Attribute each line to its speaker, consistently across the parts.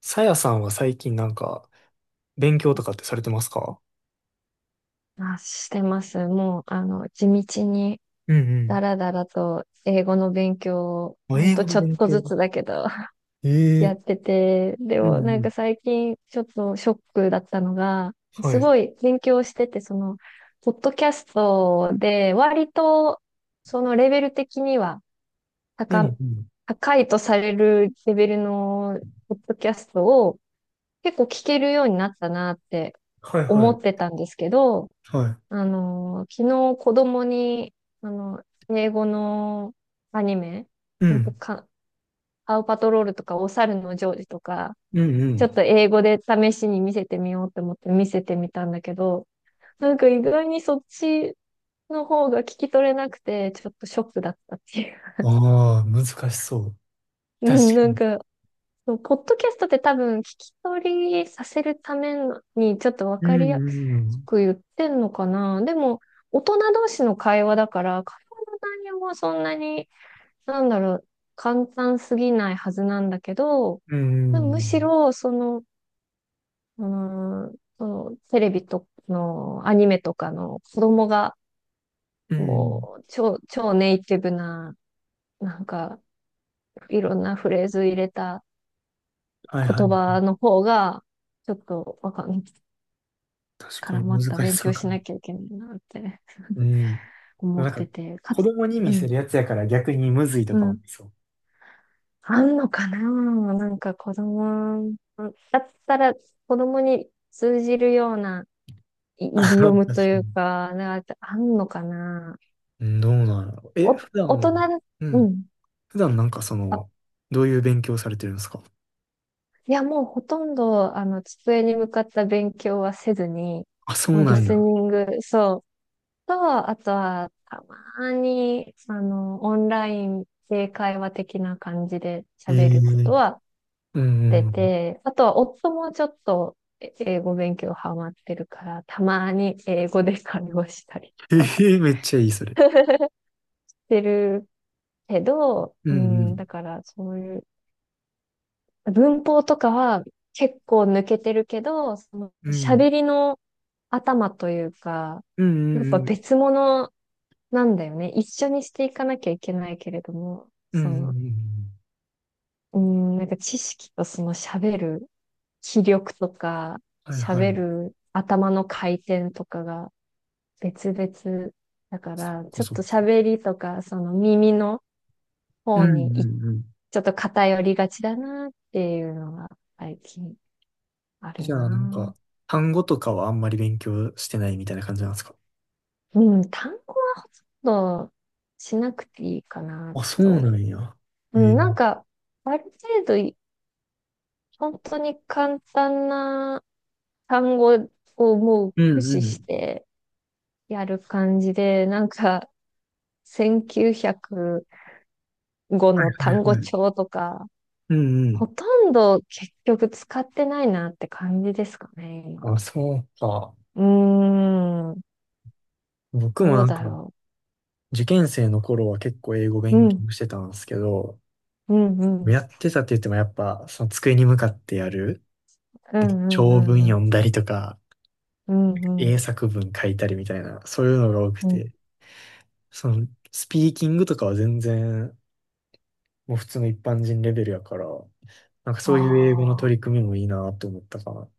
Speaker 1: さやさんは最近なんか、勉強とかってされてますか？
Speaker 2: あ、してます。もう、地道に、
Speaker 1: う
Speaker 2: だ
Speaker 1: ん
Speaker 2: らだらと、英語の勉強を、
Speaker 1: うん。あ、
Speaker 2: ほん
Speaker 1: 英
Speaker 2: と
Speaker 1: 語の
Speaker 2: ちょっ
Speaker 1: 勉
Speaker 2: と
Speaker 1: 強。
Speaker 2: ずつだけど、やっ
Speaker 1: ええ。
Speaker 2: てて、で
Speaker 1: う
Speaker 2: も、
Speaker 1: んう
Speaker 2: なんか
Speaker 1: ん。
Speaker 2: 最近、ちょっとショックだったのが、
Speaker 1: は
Speaker 2: す
Speaker 1: い。
Speaker 2: ごい勉強してて、ポッドキャストで、割と、そのレベル的には、
Speaker 1: うん
Speaker 2: 高、
Speaker 1: うん。
Speaker 2: 高いとされるレベルの、ポッドキャストを、結構聞けるようになったなって
Speaker 1: はいは
Speaker 2: 思って
Speaker 1: い。
Speaker 2: たんですけど、
Speaker 1: は
Speaker 2: 昨日子供に、あの、英語のアニメ、
Speaker 1: い。う
Speaker 2: ほんと
Speaker 1: ん。
Speaker 2: か、パウパトロールとか、お猿のジョージとか、
Speaker 1: う
Speaker 2: ちょ
Speaker 1: ん
Speaker 2: っと英語で試しに見せてみようと思って見せてみたんだけど、なんか意外にそっちの方が聞き取れなくて、ちょっとショックだったっていう。
Speaker 1: うん。ああ、難しそう。
Speaker 2: うん
Speaker 1: 確か
Speaker 2: なん
Speaker 1: に。
Speaker 2: か、そうポッドキャストって多分聞き取りさせるためにちょっとわ
Speaker 1: う
Speaker 2: かり
Speaker 1: ん
Speaker 2: や
Speaker 1: う
Speaker 2: す
Speaker 1: ん
Speaker 2: く言ってんのかな。でも、大人同士の会話だから、会話の内容はそんなに、なんだろう、簡単すぎないはずなんだけど、
Speaker 1: うん。う
Speaker 2: むし
Speaker 1: ん。
Speaker 2: ろ、うーそのテレビとのアニメとかの子供が、
Speaker 1: うんうん。
Speaker 2: もう超、超ネイティブな、なんか、いろんなフレーズ入れた
Speaker 1: はいはい。
Speaker 2: 言葉の方が、ちょっとわかんない。
Speaker 1: 確
Speaker 2: か
Speaker 1: か
Speaker 2: ら
Speaker 1: に
Speaker 2: ま
Speaker 1: 難
Speaker 2: た
Speaker 1: し
Speaker 2: 勉
Speaker 1: そう
Speaker 2: 強
Speaker 1: か
Speaker 2: し
Speaker 1: も。
Speaker 2: なきゃいけないなって
Speaker 1: う ん。
Speaker 2: 思
Speaker 1: な
Speaker 2: っ
Speaker 1: んか、
Speaker 2: てて、か
Speaker 1: 子
Speaker 2: つ、
Speaker 1: 供に
Speaker 2: う
Speaker 1: 見せ
Speaker 2: ん、
Speaker 1: るやつやから逆にむずいと
Speaker 2: う
Speaker 1: かもあ
Speaker 2: ん。
Speaker 1: りそう。
Speaker 2: あんのかななんか子供、だったら子供に通じるようなイ デ
Speaker 1: 確
Speaker 2: ィ
Speaker 1: か
Speaker 2: オムという
Speaker 1: に。
Speaker 2: か、なんかあんのかな
Speaker 1: うん。どうなの？え、
Speaker 2: お、
Speaker 1: 普段
Speaker 2: 大
Speaker 1: も、
Speaker 2: 人、
Speaker 1: う
Speaker 2: う
Speaker 1: ん、
Speaker 2: ん。
Speaker 1: 普段なんかそ
Speaker 2: あ、
Speaker 1: の、どういう勉強されてるんですか？
Speaker 2: いや、もうほとんど、机に向かった勉強はせずに、
Speaker 1: あ、そ
Speaker 2: も
Speaker 1: う
Speaker 2: うリ
Speaker 1: なんや。
Speaker 2: スニング、そう、と、あとは、たまに、オンラインで会話的な感じで
Speaker 1: え
Speaker 2: 喋
Speaker 1: え。
Speaker 2: ることは
Speaker 1: うんう
Speaker 2: 出
Speaker 1: ん。
Speaker 2: て、あとは、夫もちょっと英語勉強ハマってるから、たまに英語で会話したりと
Speaker 1: え
Speaker 2: かはし
Speaker 1: え、めっちゃいい、それ。
Speaker 2: てるけど、
Speaker 1: う
Speaker 2: う
Speaker 1: んね。
Speaker 2: ん、だから、そういう、文法とかは結構抜けてるけど、喋りの頭というか、
Speaker 1: う
Speaker 2: やっぱ
Speaker 1: んうん
Speaker 2: 別物なんだよね。一緒にしていかなきゃいけないけれども、
Speaker 1: うんうんうん。うんうん
Speaker 2: なんか知識とその喋る気力とか、
Speaker 1: うん。はいは
Speaker 2: 喋
Speaker 1: い。
Speaker 2: る頭の回転とかが別々だか
Speaker 1: そっ
Speaker 2: ら、
Speaker 1: か
Speaker 2: ちょっ
Speaker 1: そっ
Speaker 2: と
Speaker 1: か。
Speaker 2: 喋りとか、その耳の
Speaker 1: うん
Speaker 2: 方
Speaker 1: う
Speaker 2: にち
Speaker 1: んうん。
Speaker 2: ょっと偏りがちだなっていうのが最近ある
Speaker 1: じゃあ、なん
Speaker 2: な。
Speaker 1: か、単語とかはあんまり勉強してないみたいな感じなんですか？
Speaker 2: うん、単語などしなくていいかな
Speaker 1: あ、そうな
Speaker 2: と。
Speaker 1: んや。
Speaker 2: う
Speaker 1: え
Speaker 2: ん、
Speaker 1: え。
Speaker 2: なんか、ある程度本当に簡単な単語をもう
Speaker 1: う
Speaker 2: 駆
Speaker 1: んう
Speaker 2: 使し
Speaker 1: ん。
Speaker 2: てやる感じで、なんか1905の
Speaker 1: は
Speaker 2: 単
Speaker 1: い
Speaker 2: 語
Speaker 1: はい。
Speaker 2: 帳とか、
Speaker 1: うんうん。
Speaker 2: ほとんど結局使ってないなって感じですかね、
Speaker 1: あ、
Speaker 2: 今。
Speaker 1: そうか。
Speaker 2: うーん、
Speaker 1: 僕も
Speaker 2: どう
Speaker 1: なんか、
Speaker 2: だろ
Speaker 1: 受験生の頃は結構英語
Speaker 2: う。う
Speaker 1: 勉
Speaker 2: ん、
Speaker 1: 強してたんですけど、
Speaker 2: うん、うん、
Speaker 1: やってたって言ってもやっぱ、その机に向かってやる、
Speaker 2: う
Speaker 1: で
Speaker 2: ん、う
Speaker 1: 長文
Speaker 2: ん、うん、
Speaker 1: 読んだりとか、
Speaker 2: うん、う
Speaker 1: 英
Speaker 2: ん、
Speaker 1: 作文書いたりみたいな、そういうのが多く
Speaker 2: うん。
Speaker 1: て、その、スピーキングとかは全然、もう普通の一般人レベルやから、なんかそういう英語の
Speaker 2: あ
Speaker 1: 取
Speaker 2: あ。
Speaker 1: り組みもいいなと思ったかな。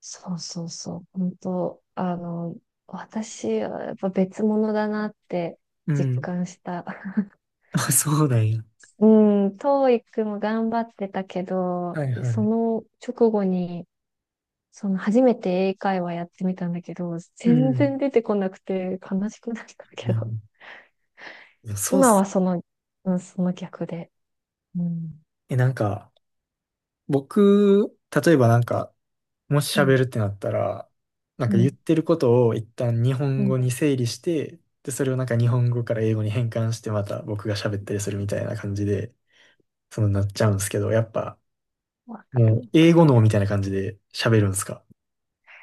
Speaker 2: そうそうそう。本当、私はやっぱ別物だなって
Speaker 1: う
Speaker 2: 実
Speaker 1: ん。
Speaker 2: 感した。
Speaker 1: あ、そうなんや。
Speaker 2: うん、トーイックも頑張ってたけど、
Speaker 1: はいは
Speaker 2: そ
Speaker 1: い。
Speaker 2: の直後に、その初めて英会話やってみたんだけど、
Speaker 1: う
Speaker 2: 全
Speaker 1: ん。
Speaker 2: 然出てこなくて悲しくなった
Speaker 1: う
Speaker 2: けど、
Speaker 1: ん。いや そうっ
Speaker 2: 今
Speaker 1: す。
Speaker 2: はうん、その逆で。うん、
Speaker 1: なんか、僕、例えばなんか、もし
Speaker 2: うん、
Speaker 1: 喋るってなったら、なん
Speaker 2: う
Speaker 1: か言っ
Speaker 2: ん、
Speaker 1: てることを一旦日
Speaker 2: う
Speaker 1: 本語
Speaker 2: ん。
Speaker 1: に整理して、で、それをなんか日本語から英語に変換してまた僕が喋ったりするみたいな感じで、なっちゃうんですけど、やっぱ、
Speaker 2: わか
Speaker 1: も
Speaker 2: る、
Speaker 1: う
Speaker 2: わ
Speaker 1: 英
Speaker 2: か
Speaker 1: 語
Speaker 2: る。
Speaker 1: 脳みたいな感じで喋るんですか？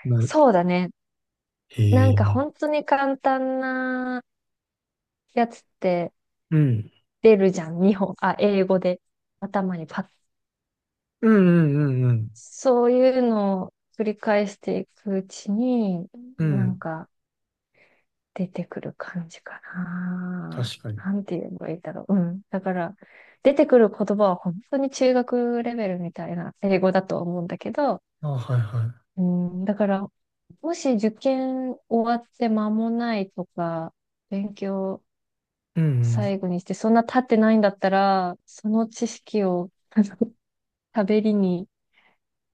Speaker 1: なる。
Speaker 2: そうだね。
Speaker 1: へ
Speaker 2: なんか
Speaker 1: え。
Speaker 2: 本当に簡単なやつって、
Speaker 1: うん。
Speaker 2: 出るじゃん、日本、あ、英語で頭にパッ。
Speaker 1: うんうんうんうん。
Speaker 2: そういうのを繰り返していくうちに、
Speaker 1: う
Speaker 2: なん
Speaker 1: ん。
Speaker 2: か出てくる感じかな。
Speaker 1: 確かに。
Speaker 2: なんて言えばいいだろう。うん。だから、出てくる言葉は本当に中学レベルみたいな英語だと思うんだけど、
Speaker 1: あ、はいは
Speaker 2: うん、だから、もし受験終わって間もないとか、勉強
Speaker 1: い。うんうん。
Speaker 2: 最後にして、そんな経ってないんだったら、その知識を、あの喋りに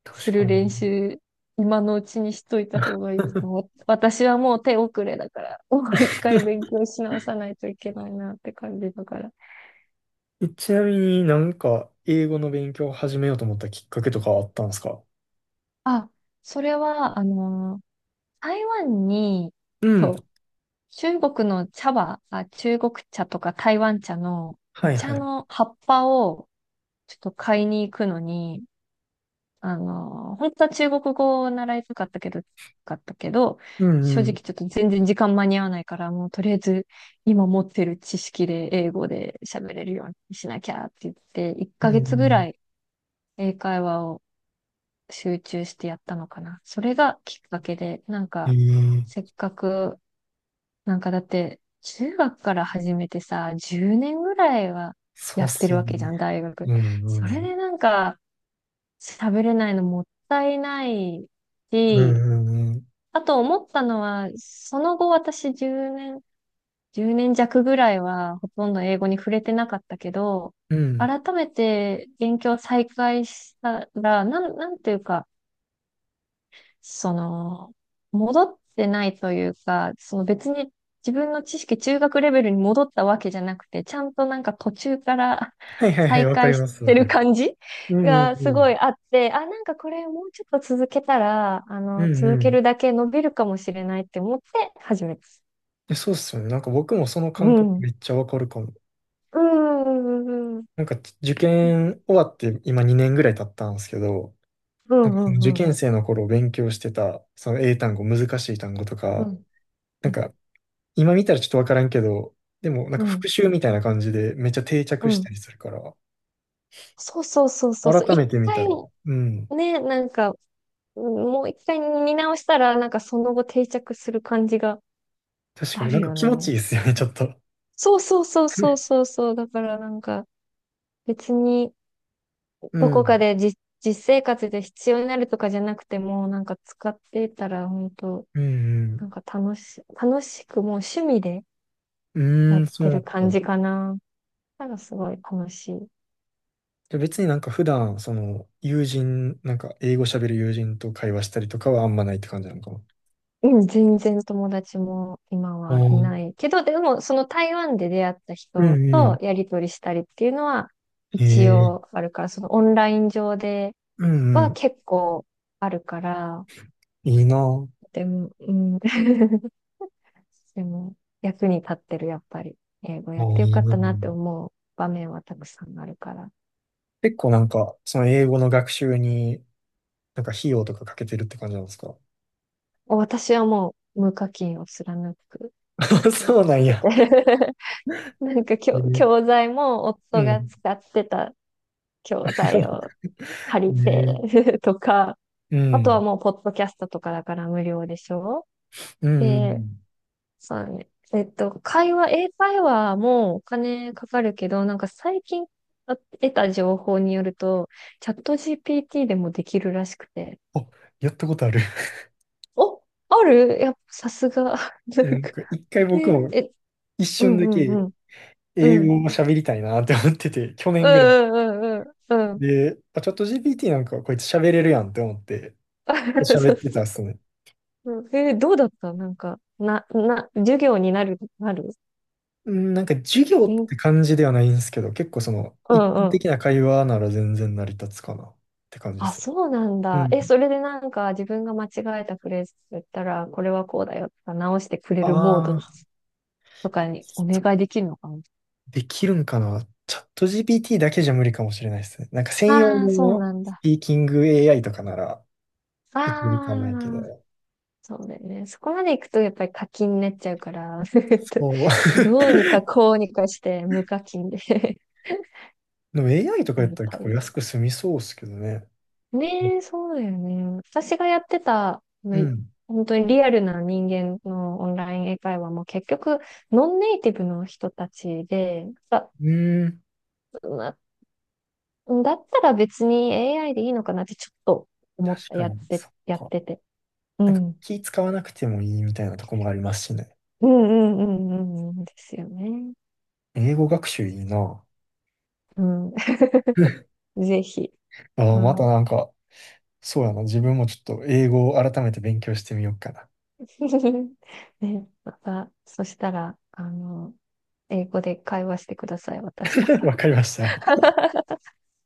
Speaker 1: 確
Speaker 2: する
Speaker 1: かに。
Speaker 2: 練習、今のうちにしといた方がいいと思う。私はもう手遅れだから、もう一回勉強し直さないといけないなって感じだから。
Speaker 1: ちなみになんか英語の勉強を始めようと思ったきっかけとかはあったんですか？
Speaker 2: あ、それは、台湾に、
Speaker 1: うん。
Speaker 2: と、中国茶とか台湾茶のお
Speaker 1: はいは
Speaker 2: 茶
Speaker 1: い。
Speaker 2: の葉っぱをちょっと買いに行くのに、本当は中国語を習いたかったけど、
Speaker 1: う
Speaker 2: 正
Speaker 1: んう
Speaker 2: 直
Speaker 1: ん。
Speaker 2: ちょっと全然時間間に合わないから、もうとりあえず今持ってる知識で英語で喋れるようにしなきゃって言って、1
Speaker 1: う
Speaker 2: ヶ月ぐ
Speaker 1: ん
Speaker 2: らい英会話を集中してやったのかな。それがきっかけで、なんか、
Speaker 1: うん。ええ。
Speaker 2: せっかく、なんかだって、中学から始めてさ、10年ぐらいは
Speaker 1: そう
Speaker 2: や
Speaker 1: っ
Speaker 2: って
Speaker 1: す
Speaker 2: る
Speaker 1: よ
Speaker 2: わけじゃ
Speaker 1: ね。
Speaker 2: ん、大学。
Speaker 1: うんう
Speaker 2: それ
Speaker 1: ん。
Speaker 2: でなんか、喋れないのもったいない
Speaker 1: う
Speaker 2: し、
Speaker 1: んうんうん。
Speaker 2: あと思ったのは、その後私10年、1年弱ぐらいはほとんど英語に触れてなかったけど、
Speaker 1: うん。
Speaker 2: 改めて勉強再開したら、なんていうか、その、戻ってないというか、別に自分の知識中学レベルに戻ったわけじゃなくて、ちゃんとなんか途中から
Speaker 1: はいはいはい、
Speaker 2: 再
Speaker 1: わか
Speaker 2: 開
Speaker 1: り
Speaker 2: し
Speaker 1: ます、わ
Speaker 2: て
Speaker 1: か
Speaker 2: る
Speaker 1: る。
Speaker 2: 感じ
Speaker 1: うんうん
Speaker 2: が
Speaker 1: う
Speaker 2: す
Speaker 1: ん。
Speaker 2: ごいあって、あ、なんかこれもうちょっと続けたら、
Speaker 1: うん
Speaker 2: 続
Speaker 1: う
Speaker 2: け
Speaker 1: ん。
Speaker 2: るだけ伸びるかもしれないって思って始めた。
Speaker 1: そうっすよね。なんか僕もその
Speaker 2: う
Speaker 1: 感覚
Speaker 2: ん。
Speaker 1: めっちゃわかるかも。
Speaker 2: うん。うん。うん。
Speaker 1: なんか受験終わって今2年ぐらい経ったんですけど、
Speaker 2: う
Speaker 1: なんかその受
Speaker 2: ん。
Speaker 1: 験生の頃勉強してた、その英単語、難しい単語と
Speaker 2: う
Speaker 1: か、
Speaker 2: ん。
Speaker 1: なんか今見たらちょっとわからんけど、でもなん
Speaker 2: う
Speaker 1: か復
Speaker 2: ん。
Speaker 1: 習みたいな感じでめっちゃ定
Speaker 2: う
Speaker 1: 着した
Speaker 2: ん。
Speaker 1: りするから、
Speaker 2: そうそうそうそうそう。
Speaker 1: 改め
Speaker 2: 一
Speaker 1: て見た
Speaker 2: 回
Speaker 1: ら、うん。
Speaker 2: ね、なんかもう一回見直したら、なんかその後定着する感じが
Speaker 1: 確か
Speaker 2: あ
Speaker 1: にな
Speaker 2: る
Speaker 1: んか
Speaker 2: よ
Speaker 1: 気
Speaker 2: ね。
Speaker 1: 持ちいいですよね、ちょっと。
Speaker 2: そうそうそうそう そうそう。だからなんか別に
Speaker 1: う
Speaker 2: どこか
Speaker 1: ん。
Speaker 2: で実生活で必要になるとかじゃなくても、なんか使ってたら本当
Speaker 1: う
Speaker 2: なん
Speaker 1: ん、
Speaker 2: か楽しくもう趣味で
Speaker 1: う
Speaker 2: や
Speaker 1: ん。うー
Speaker 2: っ
Speaker 1: ん、そ
Speaker 2: て
Speaker 1: う
Speaker 2: る感
Speaker 1: か。
Speaker 2: じかな。だからすごい楽しい。
Speaker 1: じゃあ別になんか普段、その、友人、なんか英語喋る友人と会話したりとかはあんまないって感じなのかな。
Speaker 2: うん、全然友達も今
Speaker 1: あ
Speaker 2: はいな
Speaker 1: ー。
Speaker 2: いけど、でもその台湾で出会った
Speaker 1: う
Speaker 2: 人
Speaker 1: んう
Speaker 2: と
Speaker 1: ん。
Speaker 2: やりとりしたりっていうのは
Speaker 1: へ
Speaker 2: 一
Speaker 1: え。
Speaker 2: 応あるから、そのオンライン上で
Speaker 1: うんう
Speaker 2: は
Speaker 1: ん。
Speaker 2: 結構あるから、
Speaker 1: いいなぁ。
Speaker 2: でも、うん、でも役に立ってる、やっぱり。英語
Speaker 1: あ
Speaker 2: やっ
Speaker 1: ー
Speaker 2: てよ
Speaker 1: い
Speaker 2: か
Speaker 1: い
Speaker 2: っ
Speaker 1: なぁ。
Speaker 2: たなって思う場面はたくさんあるから。
Speaker 1: 結構なんか、その英語の学習に、なんか費用とかかけてるって感じなんですか？
Speaker 2: 私はもう無課金を貫く 決意
Speaker 1: そう
Speaker 2: を
Speaker 1: な
Speaker 2: し
Speaker 1: ん
Speaker 2: て
Speaker 1: や。
Speaker 2: て なんか教、
Speaker 1: ね
Speaker 2: 教材も
Speaker 1: う
Speaker 2: 夫が
Speaker 1: ん。
Speaker 2: 使ってた教材を 借り
Speaker 1: ね
Speaker 2: て とか、
Speaker 1: う
Speaker 2: あとは
Speaker 1: ん。
Speaker 2: もうポッドキャストとかだから無料でしょ
Speaker 1: うんう
Speaker 2: で、
Speaker 1: ん。
Speaker 2: そうだね。英会話もお金かかるけど、なんか最近得た情報によると、チャット GPT でもできるらしくて。
Speaker 1: あ、やったことある。
Speaker 2: お、あるやっぱさすが。な
Speaker 1: な
Speaker 2: ん
Speaker 1: ん
Speaker 2: か、
Speaker 1: か一回僕
Speaker 2: え、
Speaker 1: も
Speaker 2: え、
Speaker 1: 一
Speaker 2: う
Speaker 1: 瞬
Speaker 2: ん
Speaker 1: だ
Speaker 2: うん
Speaker 1: け
Speaker 2: うん。う
Speaker 1: 英
Speaker 2: ん。
Speaker 1: 語を喋りたいなって思ってて、去
Speaker 2: う
Speaker 1: 年ぐらい。
Speaker 2: んうんうんうんうん。
Speaker 1: で、まあ、チャット GPT なんかこいつ喋れるやんって思って
Speaker 2: そう
Speaker 1: 喋
Speaker 2: そ
Speaker 1: っ
Speaker 2: う
Speaker 1: てたっ
Speaker 2: そ
Speaker 1: すね。
Speaker 2: う。どうだったなんか、授業になる
Speaker 1: うん。なんか授業って
Speaker 2: 勉
Speaker 1: 感じではないんですけど、結構その
Speaker 2: う
Speaker 1: 一
Speaker 2: ん
Speaker 1: 般
Speaker 2: うん。
Speaker 1: 的な会話なら全然成り立つかなって感じで
Speaker 2: あ、
Speaker 1: すね。
Speaker 2: そうなん
Speaker 1: う
Speaker 2: だ。え、
Speaker 1: ん。
Speaker 2: それでなんか自分が間違えたフレーズ言ったら、これはこうだよとか直してくれるモー
Speaker 1: あ
Speaker 2: ド
Speaker 1: あ、
Speaker 2: とかにお願いできるのかな。
Speaker 1: できるんかな。チャット GPT だけじゃ無理かもしれないですね。なんか専用
Speaker 2: ああー、そう
Speaker 1: の
Speaker 2: なん
Speaker 1: ス
Speaker 2: だ。
Speaker 1: ピーキング AI とかならいけるかもやけ
Speaker 2: ああ、
Speaker 1: ど、
Speaker 2: そうだよね。そこまで行くとやっぱり課金になっちゃうから、
Speaker 1: そう。
Speaker 2: どうにかこうにかして無課金で
Speaker 1: でも AI と か
Speaker 2: や
Speaker 1: やっ
Speaker 2: り
Speaker 1: たら
Speaker 2: た
Speaker 1: 結構
Speaker 2: い。
Speaker 1: 安く済みそうですけどね。
Speaker 2: ねえ、そうだよね。私がやってた、あの
Speaker 1: う
Speaker 2: い
Speaker 1: ん。
Speaker 2: 本当にリアルな人間のオンライン英会話も結局、ノンネイティブの人たちで、
Speaker 1: うん。
Speaker 2: なだったら別に AI でいいのかなってちょっと思っ
Speaker 1: 確
Speaker 2: た、
Speaker 1: か
Speaker 2: やっ
Speaker 1: に、
Speaker 2: て、
Speaker 1: そっ
Speaker 2: やっ
Speaker 1: か。
Speaker 2: てて。う
Speaker 1: なんか
Speaker 2: ん。
Speaker 1: 気使わなくてもいいみたいなとこもありますしね。
Speaker 2: うんうんうんうんうんですよね。
Speaker 1: 英語学習いいな。
Speaker 2: うん。ぜひ。
Speaker 1: ああ、
Speaker 2: う
Speaker 1: また
Speaker 2: ん。
Speaker 1: なんか、そうやな。自分もちょっと英語を改めて勉強してみようかな。
Speaker 2: ね、また、そしたら、英語で会話してください、私と。
Speaker 1: わかりました。